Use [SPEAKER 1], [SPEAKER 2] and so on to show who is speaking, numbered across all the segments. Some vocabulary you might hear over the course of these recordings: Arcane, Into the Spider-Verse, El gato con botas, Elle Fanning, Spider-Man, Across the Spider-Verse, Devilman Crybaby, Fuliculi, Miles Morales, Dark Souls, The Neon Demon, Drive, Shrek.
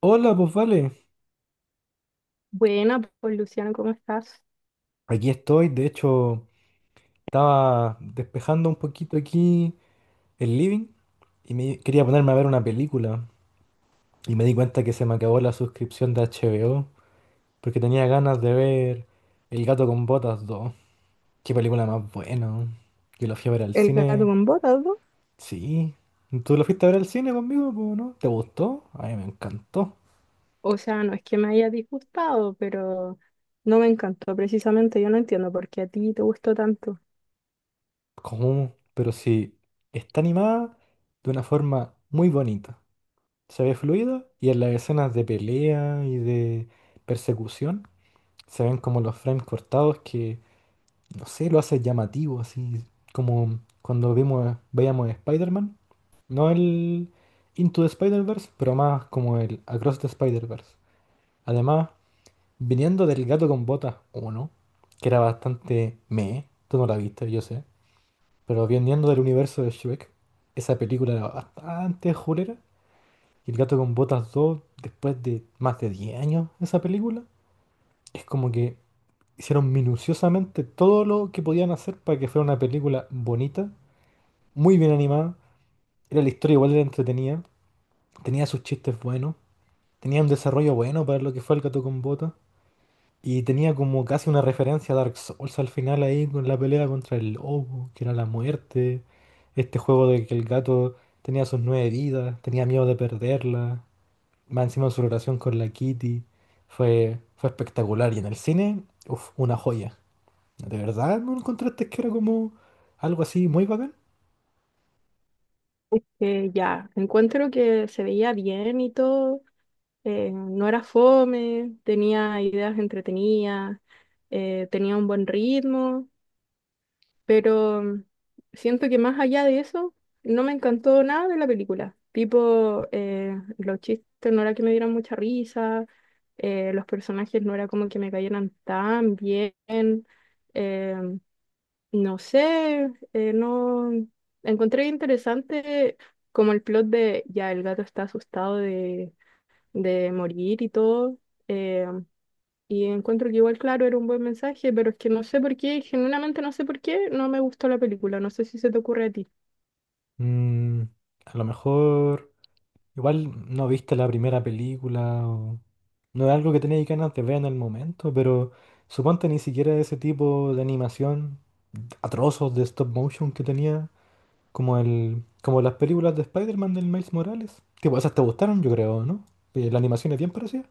[SPEAKER 1] Hola, pues vale.
[SPEAKER 2] Buena, pues Luciano, ¿cómo estás?
[SPEAKER 1] Aquí estoy, de hecho, estaba despejando un poquito aquí el living y me quería ponerme a ver una película y me di cuenta que se me acabó la suscripción de HBO porque tenía ganas de ver El gato con botas dos. Qué película más buena, ¿no? Yo la fui a ver al
[SPEAKER 2] El gato
[SPEAKER 1] cine.
[SPEAKER 2] con botas, ¿no?
[SPEAKER 1] Sí. ¿Tú la fuiste a ver al cine conmigo, pues, no? ¿Te gustó? A mí me encantó.
[SPEAKER 2] O sea, no es que me haya disgustado, pero no me encantó precisamente. Yo no entiendo por qué a ti te gustó tanto.
[SPEAKER 1] ¿Cómo? Pero sí, está animada de una forma muy bonita. Se ve fluido y en las escenas de pelea y de persecución se ven como los frames cortados que, no sé, lo hace llamativo, así como cuando veíamos Spider-Man. No el Into the Spider-Verse, pero más como el Across the Spider-Verse. Además, viniendo del gato con botas 1, que era bastante meh, tú no la viste, yo sé, pero viniendo del universo de Shrek, esa película era bastante julera. Y El gato con botas dos, después de más de 10 años esa película, es como que hicieron minuciosamente todo lo que podían hacer para que fuera una película bonita, muy bien animada. Era la historia, igual era entretenida, tenía sus chistes buenos, tenía un desarrollo bueno para lo que fue El gato con botas. Y tenía como casi una referencia a Dark Souls al final ahí con la pelea contra el lobo, que era la muerte. Este juego de que el gato tenía sus nueve vidas, tenía miedo de perderla. Más encima su relación con la Kitty fue espectacular. Y en el cine, uf, una joya. ¿De verdad no encontraste que era como algo así muy bacán?
[SPEAKER 2] Ya, encuentro que se veía bien y todo, no era fome, tenía ideas entretenidas, tenía un buen ritmo. Pero siento que más allá de eso, no me encantó nada de la película. Tipo, los chistes no era que me dieran mucha risa, los personajes no era como que me cayeran tan bien. eh, no sé, no encontré interesante como el plot de ya el gato está asustado de morir y todo. eh, y encuentro que igual, claro, era un buen mensaje, pero es que no sé por qué, genuinamente no sé por qué, no me gustó la película. No sé si se te ocurre a ti.
[SPEAKER 1] Mm, a lo mejor igual no viste la primera película o no es algo que tenías ganas de ver en el momento, pero suponte ni siquiera ese tipo de animación atrozos de stop motion que tenía, como las películas de Spider-Man del Miles Morales. Tipo, esas te gustaron, yo creo, ¿no? La animación es bien parecida.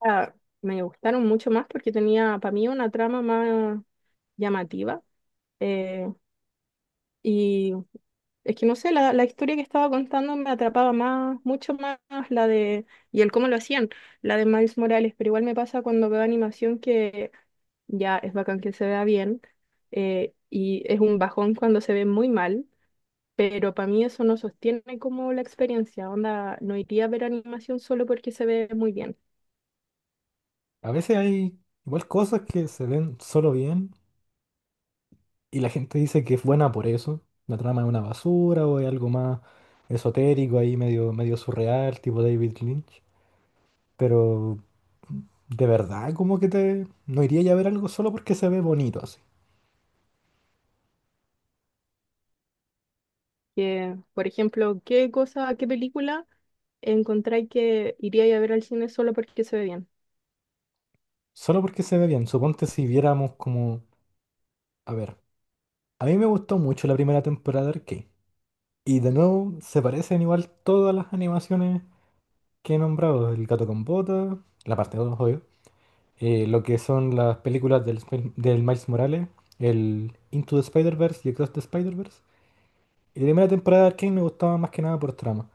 [SPEAKER 2] Ah, me gustaron mucho más porque tenía para mí una trama más llamativa. eh, y es que no sé, la historia que estaba contando me atrapaba más, mucho más la de, y el cómo lo hacían, la de Miles Morales. Pero igual me pasa cuando veo animación que ya es bacán que se vea bien. Y es un bajón cuando se ve muy mal. Pero para mí eso no sostiene como la experiencia. Onda, no iría a ver animación solo porque se ve muy bien.
[SPEAKER 1] A veces hay igual cosas que se ven solo bien y la gente dice que es buena por eso. La trama es una basura o es algo más esotérico ahí, medio surreal, tipo David Lynch. Pero de verdad, como que te... No iría ya a ver algo solo porque se ve bonito así.
[SPEAKER 2] Que, por ejemplo, ¿qué cosa, qué película encontráis que iría a ver al cine solo porque se ve bien?
[SPEAKER 1] Solo porque se ve bien. Suponte si viéramos como... A ver, a mí me gustó mucho la primera temporada de Arcane. Y de nuevo se parecen igual todas las animaciones que he nombrado. El gato con botas, la parte 2, lo que son las películas del Miles Morales, el Into the Spider-Verse y Across the Spider-Verse. Y la primera temporada de Arcane me gustaba más que nada por trama.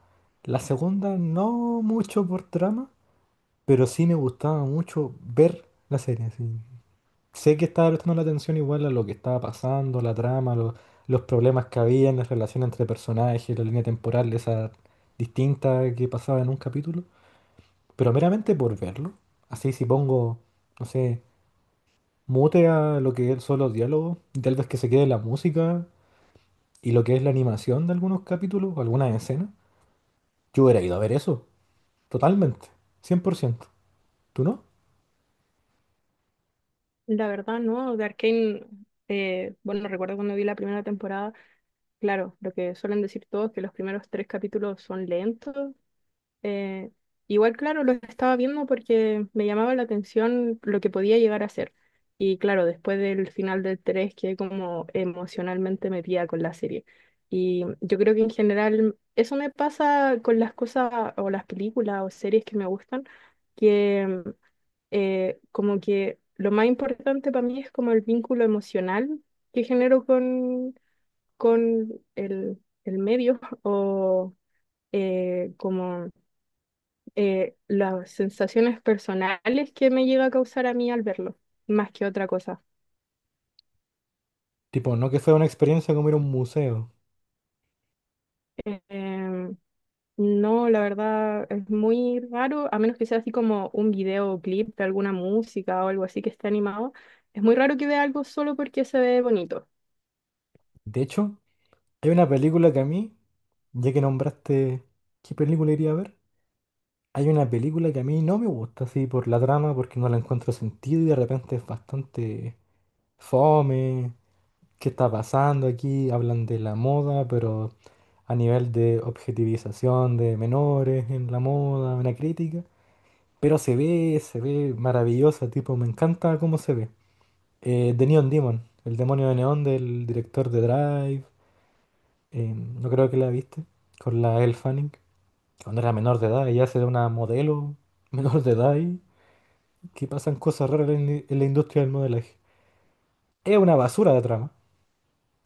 [SPEAKER 1] La segunda no mucho por trama, pero sí me gustaba mucho ver la serie. Sí. Sé que estaba prestando la atención igual a lo que estaba pasando, la trama, los problemas que había en la relación entre personajes, la línea temporal esa distinta que pasaba en un capítulo. Pero meramente por verlo. Así si pongo, no sé, mute a lo que son los diálogos, y tal vez que se quede la música y lo que es la animación de algunos capítulos o algunas escenas. Yo hubiera ido a ver eso, totalmente, cien por ciento. ¿Tú no?
[SPEAKER 2] La verdad, no. De Arcane, bueno, recuerdo cuando vi la primera temporada, claro, lo que suelen decir todos, que los primeros tres capítulos son lentos. Eh, Igual, claro, lo estaba viendo porque me llamaba la atención lo que podía llegar a ser. Y claro, después del final del 3 quedé como emocionalmente metida con la serie. Y yo creo que en general eso me pasa con las cosas o las películas o series que me gustan, que como que lo más importante para mí es como el vínculo emocional que genero con el medio o como las sensaciones personales que me llega a causar a mí al verlo, más que otra cosa.
[SPEAKER 1] Tipo, no que fuera una experiencia como ir a un museo.
[SPEAKER 2] Eh, em, no, la verdad es muy raro, a menos que sea así como un videoclip de alguna música o algo así que esté animado. Es muy raro que vea algo solo porque se ve bonito.
[SPEAKER 1] De hecho, hay una película que a mí, ya que nombraste qué película iría a ver, hay una película que a mí no me gusta así por la trama, porque no la encuentro sentido y de repente es bastante fome. Qué está pasando aquí, hablan de la moda, pero a nivel de objetivización de menores en la moda, una crítica. Pero se ve maravillosa, tipo, me encanta cómo se ve. The Neon Demon, el demonio de neón del director de Drive, no creo que la viste, con la Elle Fanning, cuando era menor de edad, ella se una modelo menor de edad y que pasan cosas raras en la industria del modelaje. Es una basura de trama,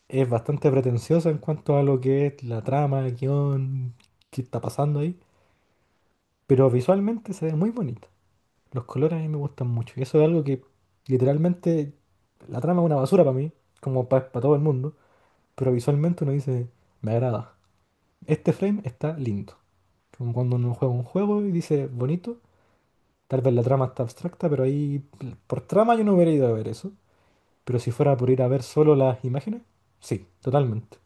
[SPEAKER 1] es bastante pretenciosa en cuanto a lo que es la trama, el guión, qué está pasando ahí, pero visualmente se ve muy bonita. Los colores a mí me gustan mucho y eso es algo que literalmente la trama es una basura para mí, como para todo el mundo, pero visualmente uno dice, me agrada. Este frame está lindo. Como cuando uno juega un juego y dice, bonito, tal vez la trama está abstracta, pero ahí por trama yo no hubiera ido a ver eso. Pero si fuera por ir a ver solo las imágenes, sí, totalmente.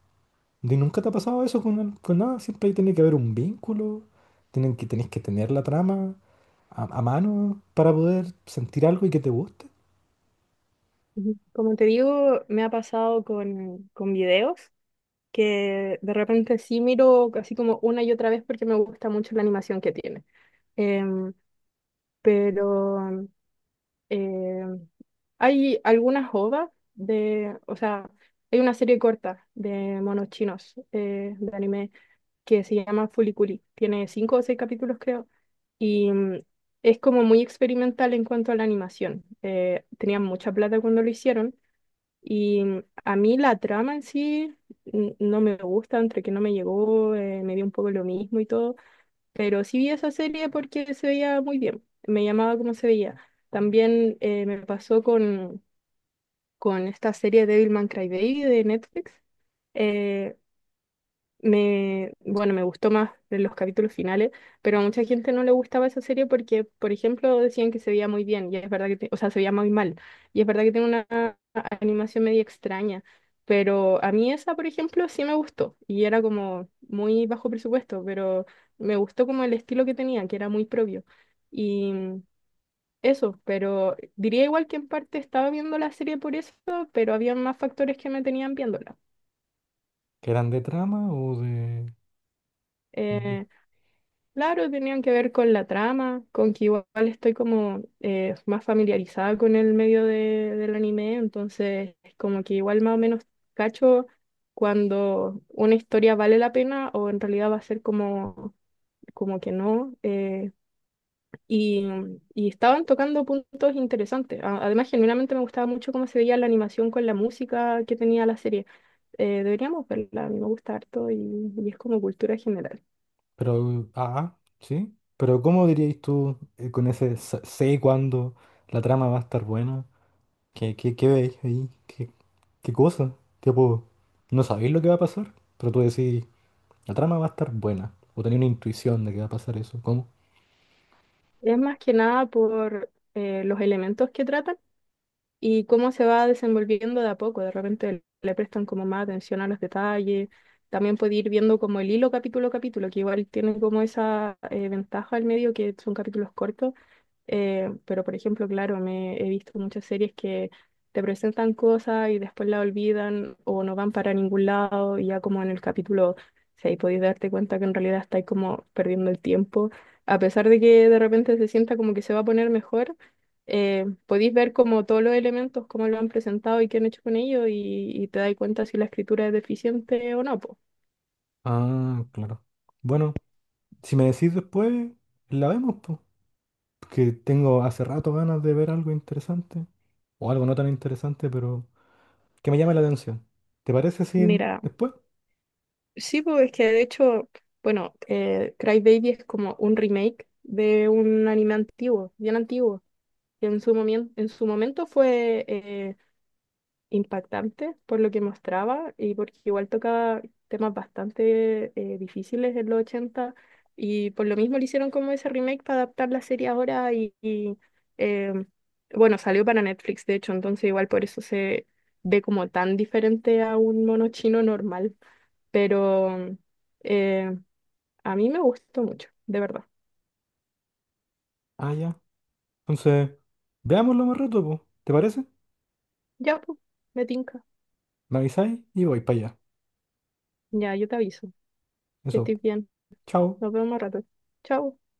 [SPEAKER 1] ¿Y nunca te ha pasado eso con, con nada? Siempre ahí tiene que haber un vínculo, tenés que tener la trama a mano para poder sentir algo y que te guste.
[SPEAKER 2] Ujú. Como te digo, me ha pasado con videos que de repente sí miro así como una y otra vez porque me gusta mucho la animación que tiene. Em, pero em, hay algunas OVAs de, o sea, hay una serie corta de monos chinos, de anime, que se llama Fuliculi. Tiene cinco o seis capítulos, creo, y es como muy experimental en cuanto a la animación. Tenían mucha plata cuando lo hicieron y a mí la trama en sí no me gusta, entre que no me llegó, me dio un poco lo mismo y todo, pero sí vi esa serie porque se veía muy bien, me llamaba como se veía. También me pasó con esta serie Devilman Crybaby de Netflix. Eh, bueno, me gustó más de los capítulos finales, pero a mucha gente no le gustaba esa serie porque, por ejemplo, decían que se veía muy bien, y es verdad que, te- o sea, se veía muy mal, y es verdad que tiene una animación medio extraña, pero a mí esa, por ejemplo, sí me gustó, y era como muy bajo presupuesto, pero me gustó como el estilo que tenía, que era muy propio. Eso, pero diría igual que en parte estaba viendo la serie por eso, pero había más factores que me tenían viéndola.
[SPEAKER 1] ¿Que eran de trama o de...? de-
[SPEAKER 2] Eh, claro, tenían que ver con la trama, con que igual estoy como más familiarizada con el medio del anime, entonces es como que igual más o menos cacho cuando una historia vale la pena o en realidad va a ser como, como que no. Y, y estaban tocando puntos interesantes. A- Además, genuinamente me gustaba mucho cómo se veía la animación con la música que tenía la serie. Deberíamos verla, a mí me gusta harto y es como cultura general.
[SPEAKER 1] Pero, ah, sí. Pero ¿cómo diríais tú, con ese sé cuándo la trama va a estar buena? Qué veis ahí? Qué cosa? Tipo, no sabéis lo que va a pasar, pero tú decís, la trama va a estar buena. O tenéis una intuición de que va a pasar eso. ¿Cómo?
[SPEAKER 2] Es más que nada por los elementos que tratan y cómo se va desenvolviendo de a poco. De repente le prestan como más atención a los detalles. También puede ir viendo como el hilo capítulo a capítulo, que igual tiene como esa ventaja al medio que son capítulos cortos. Pero, por ejemplo, claro, me he visto muchas series que te presentan cosas y después la olvidan o no van para ningún lado y ya como en el capítulo 6 podéis darte cuenta que en realidad estáis como perdiendo el tiempo. A pesar de que de repente se sienta como que se va a poner mejor, podéis ver como todos los elementos, cómo lo han presentado y qué han hecho con ellos y te dais cuenta si la escritura es deficiente o no, po.
[SPEAKER 1] Ah, claro. Bueno. Si me decís después, la vemos, pues. Que tengo hace rato ganas de ver algo interesante. O algo no tan interesante, pero que me llame la atención. ¿Te parece si
[SPEAKER 2] Mira,
[SPEAKER 1] después?
[SPEAKER 2] sí, pues es que de hecho, bueno, Cry Baby es como un remake de un anime antiguo, bien antiguo, que en su en su momento fue impactante por lo que mostraba y porque igual tocaba temas bastante difíciles en los 80, y por lo mismo le hicieron como ese remake para adaptar la serie ahora y, y, em, bueno, salió para Netflix de hecho, entonces igual por eso se ve como tan diferente a un mono chino normal. Pero eh, a mí me gustó mucho, de verdad.
[SPEAKER 1] Ah, ya. Entonces, veámoslo más rato, pues. ¿Te parece?
[SPEAKER 2] Ya, pues, me tinca.
[SPEAKER 1] Me avisáis y voy para allá.
[SPEAKER 2] Ya, yo te aviso que
[SPEAKER 1] Eso.
[SPEAKER 2] estoy bien.
[SPEAKER 1] Chao.
[SPEAKER 2] Nos vemos más rato. Chao.